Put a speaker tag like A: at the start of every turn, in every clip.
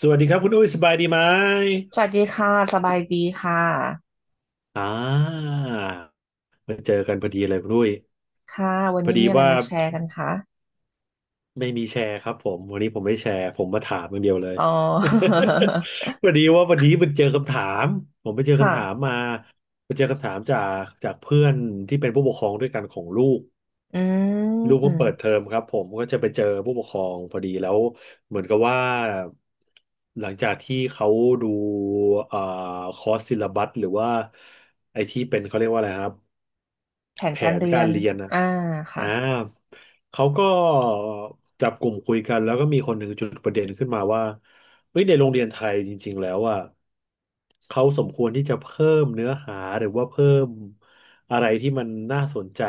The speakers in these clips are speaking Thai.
A: สวัสดีครับคุณอุ้ยสบายดีไหม
B: สวัสดีค่ะ สบายดีค่ะ
A: อ่า มาเจอกันพอดีเลยคุณอุ้ย
B: ค่ะ วัน
A: พอ
B: นี้
A: ดี
B: มีอะไร
A: ว่า
B: มาแชร์กันคะ
A: ไม่มีแชร์ครับผมวันนี้ผมไม่แชร์ผมมาถามอย่างเดียวเลย
B: อ๋อ
A: พอดีว่าวันนี้มันเจอคำถามผมไปเจอ คำถาม
B: ค่ะ
A: มาไปเจอคำถามจากเพื่อนที่เป็นผู้ปกครองด้วยกันของลูก
B: อื
A: ลูกเพิ่งเปิดเทอ
B: ม
A: มครับผมก็จะไปเจอผู้ปกครองพอดีแล้วเหมือนกับว่าหลังจากที่เขาดูเอ่อคอร์สซิลลับัสหรือว่าไอที่เป็นเขาเรียกว่าอะไรครับ
B: แผน
A: แผ
B: การ
A: น
B: เรี
A: กา
B: ย
A: ร
B: น
A: เรียนนะ
B: อ่า
A: อ่า
B: ค่ะ
A: เขาก็จับกลุ่มคุยกันแล้วก็มีคนหนึ่งจุดประเด็นขึ้นมาว่าเฮ้ยในโรงเรียนไทยจริงๆแล้วอ่ะเขาสมควรที่จะเพิ่มเนื้อหาหรือว่าเพิ่มอะไรที่มันน่าสนใจ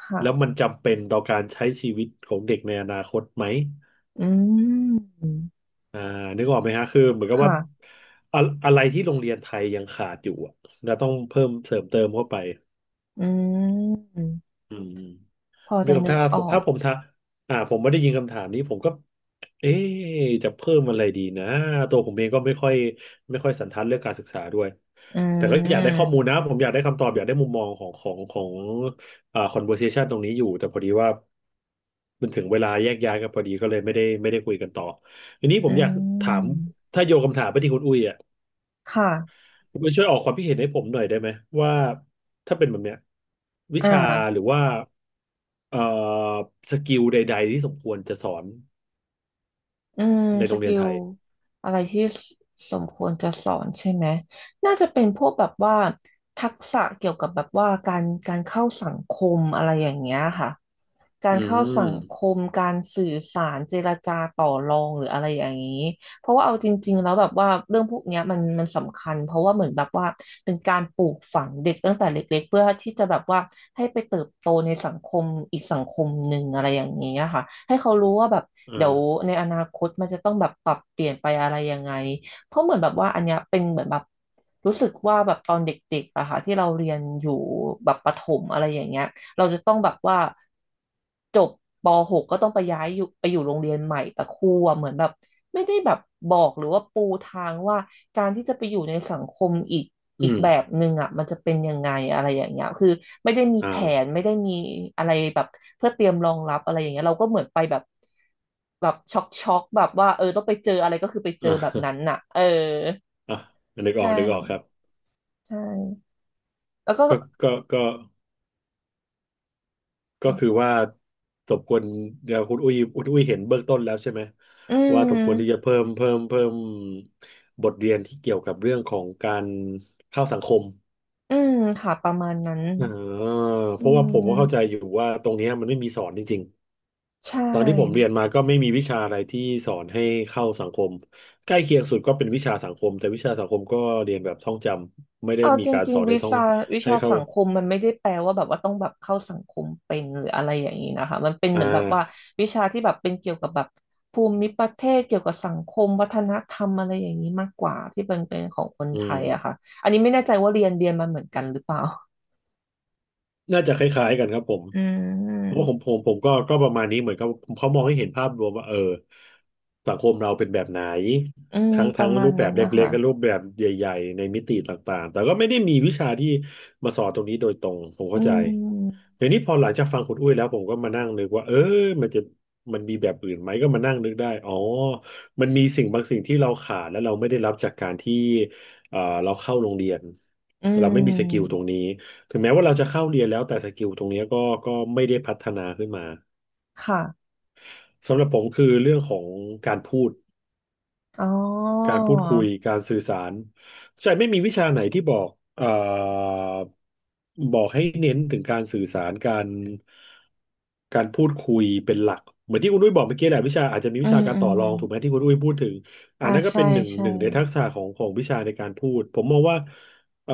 B: ค่ะ
A: แล้วมันจำเป็นต่อการใช้ชีวิตของเด็กในอนาคตไหม
B: อืม
A: อ่านึกออกไหมฮะคือเหมือนกับว่า
B: ค่ะ
A: อะอะไรที่โรงเรียนไทยยังขาดอยู่อะเราต้องเพิ่มเสริมเติมเข้าไป
B: อืม
A: อืม
B: พอ
A: มี
B: จะ
A: คำ
B: นึ
A: ถา
B: ก
A: ม
B: อ
A: ผม
B: อ
A: ถ้า
B: ก
A: ผมถาผมไม่ได้ยินคำถามนี้ผมก็เอ๊ะจะเพิ่มอะไรดีนะตัวผมเองก็ไม่ค่อยสันทัดเรื่องการศึกษาด้วย
B: อื
A: แต่ก็อยากได้ข้อ
B: ม
A: มูลนะผมอยากได้คำตอบอยากได้มุมมองของconversation ตรงนี้อยู่แต่พอดีว่ามันถึงเวลาแยกย้ายกันพอดีก็เลยไม่ได้คุยกันต่อทีนี้ผ
B: อื
A: มอยากถาม
B: ม
A: ถ้าโยนคำถามไปที่คุณอุ้ยอ่ะ
B: ค่ะ
A: คุณมาช่วยออกความคิดเห็นให้ผมหน่อยได้ไหมว่าถ้าเป็นแบบเนี้ยวิ
B: อ่า
A: ชาหรือว่าเอ่อสกิลใดๆที่สมควรจะสอน
B: อืม
A: ใน
B: ส
A: โรงเรีย
B: กิ
A: นไท
B: ล
A: ย
B: อะไรที่สสมควรจะสอนใช่ไหมน่าจะเป็นพวกแบบว่าทักษะเกี่ยวกับแบบว่าการเข้าสังคมอะไรอย่างเงี้ยค่ะ กา
A: อื
B: รเข้าสั
A: ม
B: งคมการสื่อสารเจรจาต่อรองหรืออะไรอย่างนี้เพราะว่าเอาจริงๆแล้วแบบว่าเรื่องพวกเนี้ยมันสำคัญเพราะว่าเหมือนแบบว่าเป็นการปลูกฝังเด็กตั้งแต่เล็กๆเพื่อที่จะแบบว่าให้ไปเติบโตในสังคมอีกสังคมหนึ่งอะไรอย่างนี้ยค่ะให้เขารู้ว่าแบบ
A: อื
B: เดี๋ยว
A: ม
B: ในอนาคตมันจะต้องแบบปรับเปลี่ยนไปอะไรยังไงเพราะเหมือนแบบว่าอันเนี้ยเป็นเหมือนแบบรู้สึกว่าแบบตอนเด็กๆอะค่ะที่เราเรียนอยู่แบบประถมอะไรอย่างเงี้ย เราจะต้องแบบว่าจบป .6 กก็ต้องไปย้ายอยู่ไปอยู่โรงเรียนใหม่แต่ครูอะเหมือนแบบไม่ได้แบบบอกหรือว่าปูทางว่าการที่จะไปอยู่ในสังคมอีก
A: อืม
B: แบบหนึ่งอ่ะมันจะเป็นยังไงอะไรอย่างเงี้ยคือไม่ได้มีแผน
A: อ่า
B: ไม่ได้มีอะไรแบบเพื่อเตรียมรองรับอะไรอย่างเงี้ยเราก็เหมือนไปแบบแบบช็อกแบบว่าเออต้องไปเจออะไรก็คือไปเจ
A: อ่
B: อแบบนั้น
A: า
B: น่ะเออ
A: อ่านึกอ
B: ใช่
A: อกนึกออกครับ
B: ใช่แล้วก็
A: ก็ก็ก็คือว่าสมควรเดี๋ยวคุณอุ้ยเห็นเบื้องต้นแล้วใช่ไหม
B: อื
A: ว่าสมควรที่จะ
B: ม
A: เพิ่มบทเรียนที่เกี่ยวกับเรื่องของการเข้าสังคม
B: อืมค่ะประมาณนั้น
A: อ่าเพ
B: อื
A: ราะว่าผมก็เข้าใจ
B: ม
A: อยู่ว่าตรงเนี้ยมันไม่มีสอนจริง
B: ใช
A: ๆตอนที่ผมเรียน
B: ่
A: มาก็ไม่มีวิชาอะไรที่สอนให้เข้าสังคมใกล้เคียงสุดก็เป็นวิชาสังคมแต่วิชาสังคมก็เรียนแบบท่องจำไม่ได้
B: เอา
A: มี
B: จ
A: การ
B: ริ
A: ส
B: ง
A: อน
B: ๆ
A: ให้
B: วิ
A: ท่อง
B: ชา
A: ให้เข้า
B: สังคมมันไม่ได้แปลว่าแบบว่าต้องแบบเข้าสังคมเป็นหรืออะไรอย่างนี้นะคะมันเป็น
A: อ่
B: เหมือนแบบว่า
A: า
B: วิชาที่แบบเป็นเกี่ยวกับแบบภูมิประเทศเกี่ยวกับสังคมวัฒนธรรมอะไรอย่างนี้มากกว่าที่เป็นของคน
A: อื
B: ไท
A: ม
B: ยอะค่ะอันนี้ไม่แน่ใจว่าเรียนมาเหมือนกันหรือเปล่า
A: น่าจะคล้ายๆกันครับผม
B: อื
A: เพราะผ
B: ม
A: มผมผมก็ประมาณนี้เหมือนกับเขามองให้เห็นภาพรวมว่าเออสังคมเราเป็นแบบไหน
B: อืม
A: ทั้ง
B: ป
A: ทั้
B: ระ
A: ง
B: มา
A: รู
B: ณ
A: ปแบ
B: นั้
A: บ
B: นนะ
A: เล็
B: คะ
A: กๆและรูปแบบใหญ่ๆในมิติต่างๆแต่ก็ไม่ได้มีวิชาที่มาสอนตรงนี้โดยตรงผมเข้า
B: อื
A: ใจ
B: ม
A: เดี๋ยวนี้พอหลังจากฟังคุณอุ้ยแล้วผมก็มานั่งนึกว่าเออมันจะมันมีแบบอื่นไหมก็มานั่งนึกได้อ๋อมันมีสิ่งบางสิ่งที่เราขาดและเราไม่ได้รับจากการที่เอ่อเราเข้าโรงเรียน
B: อื
A: เราไม่มีสกิล
B: ม
A: ตรงนี้ ถึงแม้ว่าเราจะเข้าเรียนแล้วแต่สกิลตรงเนี้ยก็ไม่ได้พัฒนาขึ้นมา
B: ค่ะ
A: สำหรับผมคือเรื่องของการพูด
B: อ๋อ
A: การพูดคุยการสื่อสารใช่ไม่มีวิชาไหนที่บอกเอ่อบอกให้เน้นถึงการสื่อสารการพูดคุยเป็นหลักเหมือนที่คุณอุ้ยบอกเมื่อกี้แหละวิชาอาจจะมี
B: อื
A: วิชา
B: ม
A: การ
B: อื
A: ต่อ
B: ม
A: รองถูกไหมที่คุณอุ้ยพูดถึงอั
B: อ่า
A: นนั้นก็
B: ใช่
A: เป็นหนึ่ง
B: ใช่
A: หนึ่งในทักษะของวิชาในการพูดผมมองว่าเอ่อ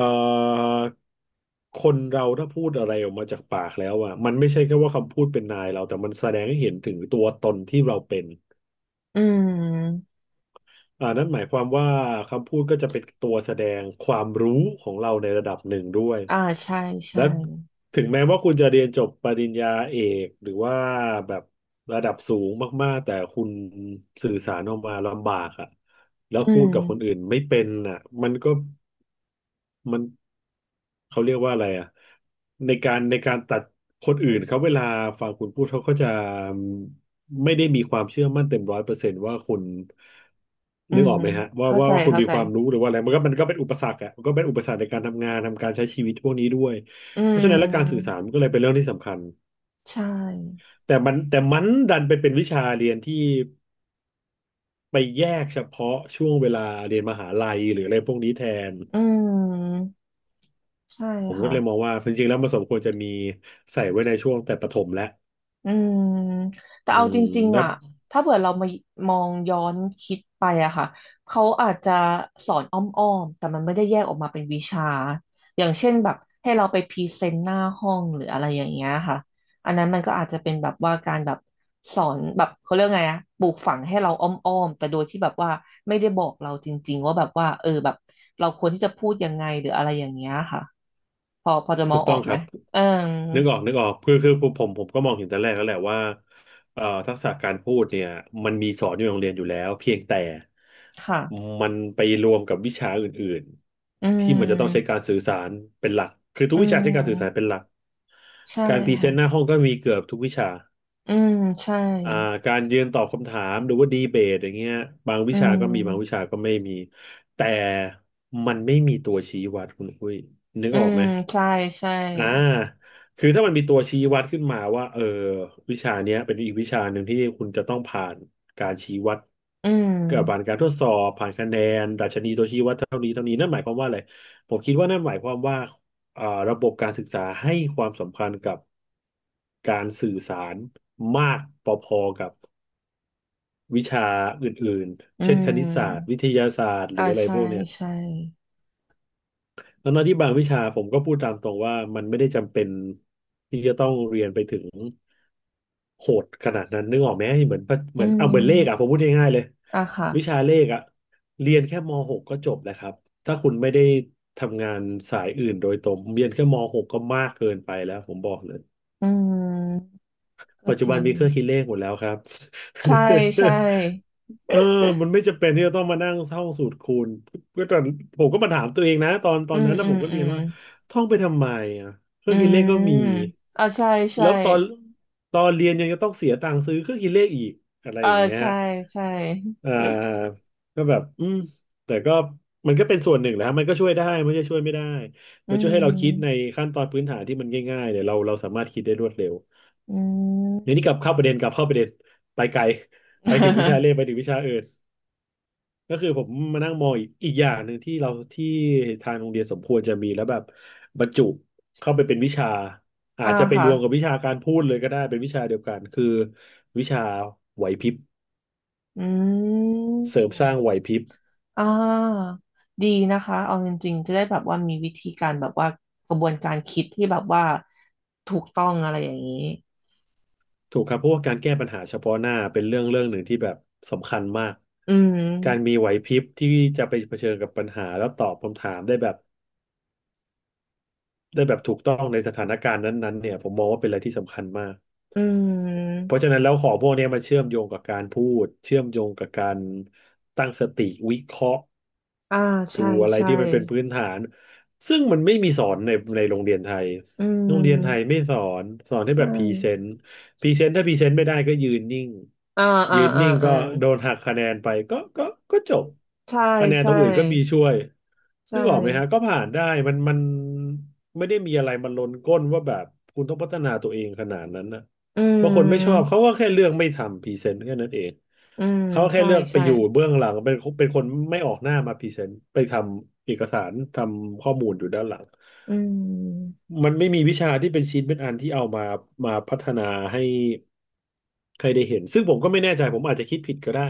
A: คนเราถ้าพูดอะไรออกมาจากปากแล้วอ่ะมันไม่ใช่แค่ว่าคำพูดเป็นนายเราแต่มันแสดงให้เห็นถึงตัวตนที่เราเป็น
B: อืม
A: นั่นหมายความว่าคำพูดก็จะเป็นตัวแสดงความรู้ของเราในระดับหนึ่งด้วย
B: อ่าใช่
A: และ
B: ใช่
A: ถึงแม้ว่าคุณจะเรียนจบปริญญาเอกหรือว่าแบบระดับสูงมากๆแต่คุณสื่อสารออกมาลำบากอะแล้ว
B: อื
A: พูดกับคนอื่
B: ม
A: นไม่เป็นอ่ะมันก็ มันเขาเรียกว่าอะไรอ่ะในการตัดคนอื่นเขาเวลาฟังคุณพูดเขาก็จะไม่ได้มีความเชื่อมั่นเต็มร้อยเปอร์เซนต์ว่าคุณ
B: อื
A: นึก
B: ม
A: ออกไหมฮะว่า
B: เข้า
A: ว่า
B: ใจ
A: ว่าคุณ
B: เข้า
A: มี
B: ใจ
A: ความรู้หรือว่าอะไรมันก็เป็นอุปสรรคอ่ะมันก็เป็นอุปสรรคในการทำงานทำการใช้ชีวิตพวกนี้ด้วย
B: อื
A: เพราะฉะนั้นและการสื่อ
B: ม
A: สารมันก็เลยเป็นเรื่องที่สำคัญ
B: ใช่
A: แต่มันดันไปเป็นวิชาเรียนที่ไปแยกเฉพาะช่วงเวลาเรียนมหาลัยหรืออะไรพวกนี้แทน
B: อืมใช่
A: ผมก็
B: ค่ะ
A: เลยมองว่าจริงๆแล้วมันสมควรจะมีใส่ไว้ในช่วงแต่ประถมและ
B: อืม แต่
A: อื
B: เอา
A: ม
B: จริง
A: แล้
B: ๆ
A: ว
B: อ่ะถ้าเผื่อเรามามองย้อนคิดไปอะค่ะเขาอาจจะสอนอ้อมๆ แต่มันไม่ได้แยกออกมาเป็นวิชาอย่างเช่นแบบให้เราไปพรีเซนต์หน้าห้องหรืออะไรอย่างเงี้ยค่ะอันนั้นมันก็อาจจะเป็นแบบว่าการแบบสอนแบบเขาเรียกไงอะปลูกฝังให้เราอ้อมๆ แต่โดยที่แบบว่าไม่ได้บอกเราจริงๆ ว่าแบบว่าเออแบบเราควรที่จะพูดยังไงหรืออะไรอย่างเงี้ยค่ะพอจะม
A: ถู
B: อง
A: ก
B: อ
A: ต้อ
B: อ
A: ง
B: ก
A: ค
B: ไหม
A: รับ
B: เออ
A: นึกออกนึกออกคือผมก็มองเห็นแต่แรกแล้วแหละว่าทักษะการพูดเนี่ยมันมีสอนอยู่ในโรงเรียนอยู่แล้วเพียงแต่
B: ค่ะ
A: มันไปรวมกับวิชาอื่น
B: อื
A: ๆที่มันจะต้องใช้กา
B: ม
A: รสื่อสารเป็นหลักคือทุก
B: อื
A: วิชาใช้การสื่อสารเป็น
B: ม
A: หลัก
B: ใช่
A: การพรีเซ
B: ค่ะ
A: นต์หน้าห้องก็มีเกือบทุกวิชา
B: อืมใช่
A: อ่าการยืนตอบคำถามหรือว่าดีเบตอย่างเงี้ยบางวิ
B: อื
A: ชาก็มีบางวิชา
B: ม
A: ก็ไม่มีแต่มันไม่มีตัวชี้วัดคุณอุ้ยนึก
B: อื
A: ออก
B: ม
A: ไหม
B: ใช่ใช่
A: อ่าคือถ้ามันมีตัวชี้วัดขึ้นมาว่าเออวิชาเนี้ยเป็นอีกวิชาหนึ่งที่คุณจะต้องผ่านการชี้วัด
B: อื
A: กับผ่าน
B: ม
A: การทดสอบผ่านคะแนนดัชนีตัวชี้วัดเท่านี้เท่านี้นั่นหมายความว่าอะไรผมคิดว่านั่นหมายความว่า อ่าระบบการศึกษาให้ความสำคัญกับการสื่อสารมากพอๆกับวิชาอื่นๆ
B: อื
A: เช่นคณิตศาสตร์
B: ม
A: วิทยาศาสตร์หรื
B: อ่า
A: ออะไร
B: ใช่
A: พวกเนี้ย
B: ใช่
A: ทั้งๆที่บางวิชาผมก็พูดตามตรงว่ามันไม่ได้จำเป็นที่จะต้องเรียนไปถึงโหดขนาดนั้นนึกออกไหมเหมือนเหม
B: อื
A: ือนเอาเหมือนเลขอ่ะ ผม
B: ม
A: พูดง่ายๆเลย
B: อ่ะค่ะ
A: วิชาเลขอ่ะเรียนแค่ม .6 ก็จบแล้วครับถ้าคุณไม่ได้ทำงานสายอื่นโดยตรงเรียนแค่มหกก็มากเกินไปแล้วผมบอกเลย
B: อืมก็
A: ปัจจุ
B: จ
A: บั
B: ริ
A: น
B: ง
A: มีเครื่องคิดเลขหมดแล้วครับ
B: ใช่ใช่
A: เออมันไม่จำเป็นที่จะต้องมานั่งท่องสูตรคูณก็ตอนผมก็มาถามตัวเองนะตอนตอ
B: อื
A: น
B: ม
A: นั้นนะ
B: อื
A: ผ
B: ม
A: มก็
B: อื
A: เรียน
B: ม
A: ว่าท่องไปทำไมอ่ะเครื่
B: อื
A: องคิดเลขก็
B: ม
A: มี
B: อ่าใช่
A: แล้
B: ใช่
A: วตอนเรียนยังจะต้องเสียตังค์ซื้อเครื่องคิดเลขอีกอะไร
B: อ่า
A: อย่างเงี้ย
B: ใช่ใช่
A: อ่าก็แบบอืมแต่ก็มันก็เป็นส่วนหนึ่งแหละฮะมันก็ช่วยได้ไม่ใช่ช่วยไม่ได้
B: อื
A: มันช่วยให้เราคิดใน
B: ม
A: ขั้นตอนพื้นฐานที่มันง่ายๆเนี่ยเราสามารถคิดได้รวดเร็ว
B: อืม
A: เดี๋ยวนี้กลับเข้าประเด็นกลับเข้าประเด็นไปไกลไปถึงวิชาเลขไปถึ งวิชาอื่นก็คือผมมานั่งมองอีกอย่างหนึ่งที่เราที่ทางโรงเรียนสมควรจะมีแล้วแบบบรรจุเข้าไปเป็นวิชาอา
B: อ่า
A: จจะไปร
B: ค่ะ
A: วมกับวิชาการพูดเลยก็ได้เป็นวิชาเดียวกันคือวิชาไหวพริบ
B: อื
A: เสริม
B: ม
A: สร้างไหวพริบ
B: อ่าดีนะคะเอาจริงๆจะได้แบบว่ามีวิธีการแบบว่ากระบวนการคิดที่แบบว่าถูกต้องอะไรอย่างนี้
A: ถูกครับเพราะว่าการแก้ปัญหาเฉพาะหน้าเป็นเรื่องหนึ่งที่แบบสำคัญมาก
B: อืม
A: การมีไหวพริบที่จะไปเผชิญกับปัญหาแล้วตอบคำถามได้แบบ ได้แบบถูกต้องในสถานการณ์นั้นๆเนี่ยผมมองว่าเป็นอะไรที่สำคัญมาก
B: อื
A: เพ
B: ม
A: ราะฉะนั้นแล้วของพวกเนี้ยมันเชื่อมโยงกับการพูดเชื่อมโยงกับการตั้งสติวิเคราะห์
B: อ่า
A: ดู
B: ใช่
A: อะไร
B: ใช่
A: ที่มันเป็นพื้นฐานซึ่งมันไม่มีสอนในโรงเรียนไทย
B: อื
A: โรงเรียนไทยไม่
B: ม
A: สอนสอนให้แบ
B: ใช่
A: บพรีเซนต์พรีเซนต์ถ้าพรีเซนต์ไม่ได้ก็ยืนนิ่ง
B: อ่าอ่า
A: ยืน
B: อ่า
A: นิ่ง
B: อื
A: ก็
B: ม
A: โดนหักคะแนนไปก็จบ
B: ใช่
A: คะแนนตร
B: ใช่
A: งอื่นก็มีช่วย
B: ใช่
A: นึกออกไหมฮะก็ผ่านได้มันไม่ได้มีอะไรมันลนก้นว่าแบบคุณต้องพัฒนาตัวเองขนาดนั้นนะ
B: อื
A: บางคนไม่ชอบ
B: ม
A: เขาก็แค่เลือกไม่ทำพรีเซนต์แค่นั้นเอง
B: อืม
A: เขาแค่
B: ใช่
A: เลือกไป
B: ใช่
A: อยู่เบื้องหลังเป็นคนไม่ออกหน้ามาพรีเซนต์ไปทำเอกสารทำข้อมูลอยู่ด้านหลัง
B: อืม
A: มันไม่มีวิชาที่เป็นชิ้นเป็นอันที่เอามาพัฒนาให้ใครได้เห็นซึ่งผมก็ไม่แน่ใจผมอาจจะคิดผิดก็ได้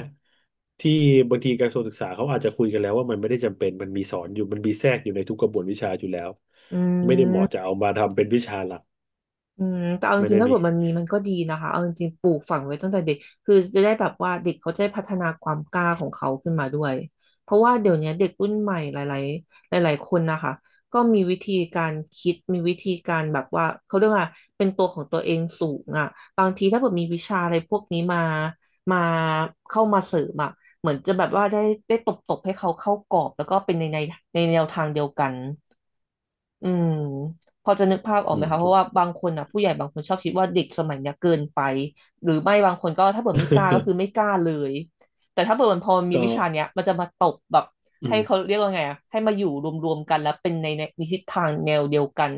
A: ที่บางทีกระทรวงศึกษาเขาอาจจะคุยกันแล้วว่ามันไม่ได้จำเป็นมันมีสอนอยู่มันมีแทรกอยู่ในทุกกระบวนวิชาอยู่แล้ว
B: อื
A: ไม่ได้เหมาะ
B: ม
A: จะเอามาทำเป็นวิชาหลัก
B: อืมแต่เอาจ
A: ไม่
B: ริ
A: ได้
B: งๆถ้า
A: มี
B: เกิดมันมีมันก็ดีนะคะเอาจริงๆปลูกฝังไว้ตั้งแต่เด็กคือจะได้แบบว่าเด็กเขาจะได้พัฒนาความกล้าของเขาขึ้นมาด้วยเพราะว่าเดี๋ยวนี้เด็กรุ่นใหม่หลายๆหลายๆคนนะคะก็มีวิธีการคิดมีวิธีการแบบว่าเขาเรียกว่าเป็นตัวของตัวเองสูงอ่ะบางทีถ้าเกิดมีวิชาอะไรพวกนี้มามาเข้ามาเสริมอ่ะเหมือนจะแบบว่าได้ตบๆให้เขาเข้ากรอบแล้วก็เป็นในในแนวทางเดียวกัน อืมพอจะนึกภาพออก
A: อื
B: ไหม
A: ม
B: คะเพ
A: ถู
B: ราะ
A: ก
B: ว่าบางคนนะผู้ใหญ่บางคนชอบคิดว่าเด็กสมัยเนี้ยเกินไปหรือไม่บางคนก็ถ้าเกิดไม่กล้าก็คือไม่กล้าเลยแต่ถ้าเกิดมันพอ มี
A: ก็
B: วิชาเนี้ยมันจะมาตบแบบ
A: อื
B: ให้เขา
A: ม
B: เรียกว่าไงอะให้มาอยู่รวมๆกันแล้วเป็นในทิศทางแนวเดียวกัน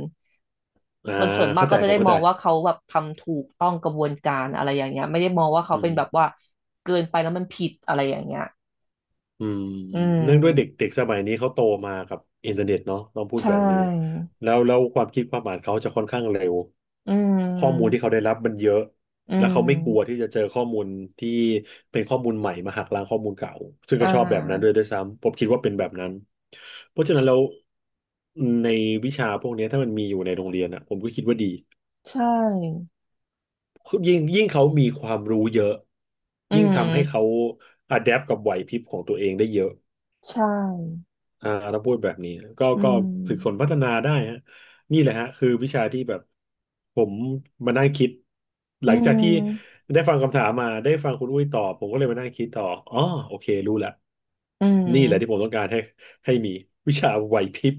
A: อ่า
B: คนส่วนมาก
A: เข้าใจ
B: ก็จะ
A: ผม
B: ได้
A: เข้า
B: มอ
A: ใจ
B: งว่าเขาแบบทำถูกต้องกระบวนการอะไรอย่างเงี้ยไม่ได้มองว่าเขา
A: อื
B: เป็นแบบ
A: ม
B: ว่าเกินไปแล้วมันผิดอะไรอย่างเงี้ย
A: อืม
B: อื
A: เนื่องด้วยเด็ก
B: ม
A: เด็กสมัยนี้เขาโตมากับอินเทอร์เน็ตเนาะต้องพู
B: ใช
A: ดแบบนี้
B: ่
A: แล้วความคิดความอ่านเขาจะค่อนข้างเร็ว
B: อื
A: ข้อมูลที่
B: ม
A: เขาได้รับมันเยอะ
B: อื
A: แล้วเขาไม่กลัวที่
B: ม
A: จะเจอข้อมูลที่เป็นข้อมูลใหม่มาหักล้างข้อมูลเก่าซึ่ง
B: อ่
A: เขาชอบแบบนั้น
B: า
A: ด้วยซ้ำผมคิดว่าเป็นแบบนั้นเพราะฉะนั้นแล้วในวิชาพวกเนี้ยถ้ามันมีอยู่ในโรงเรียนอ่ะผมก็คิดว่าดี
B: ใช่
A: ยิ่งเขามีความรู้เยอะ
B: อื
A: ยิ่งทำให้
B: ม
A: เขาอะแดปกับไหวพริบของตัวเองได้เยอะ
B: ใช่
A: อ่าเราพูดแบบนี้
B: อื
A: ก็ฝึกฝน
B: ม
A: พัฒนาได้ฮะนี่แหละฮะคือวิชาที่แบบผมมานั่งคิดห
B: อื
A: ลังจากที่
B: ม
A: ได้ฟังคำถามมาได้ฟังคุณอุ้ยตอบผมก็เลยมานั่งคิดต่ออ๋อโอเครู้ละ
B: อื
A: นี่แหละที่ผม
B: ม
A: ต้องการให้มีวิชาไหวพริบ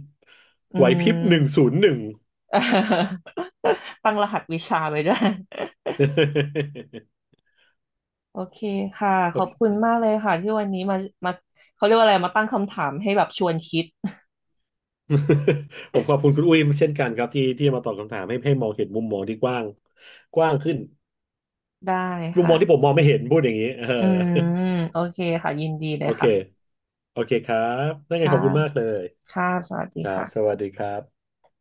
B: อื
A: ไหวพริบหนึ่งศู
B: ม
A: นย์หนึ่ง
B: ตั้งรหัสวิชาไปด้วย โอเคค่ะข
A: โอ
B: อบ
A: เค
B: คุณมากเลยค่ะที่วันนี้มามาเขาเรียกว่าอะไรมาตั้งคำถามให้แบบชวนคิด
A: ผมขอบคุณคุณอุ้ยเช่นกันครับที่มาตอบคำถามให้มองเห็นมุมมองที่กว้างกว้างขึ้น
B: ได้
A: มุมมองที่ผม
B: ค่ะ
A: มองไม่เห็นพูดอย่างนี้เออ
B: อืมโอเคค่ะยินดีเล
A: โอ
B: ย
A: เค
B: ค่ะ
A: โอเคครับนั่นไง
B: ค่ะ
A: ขอบคุณมากเลย
B: ค่ะสวัสดี
A: ครับสวั
B: ค่ะ
A: สดีครับ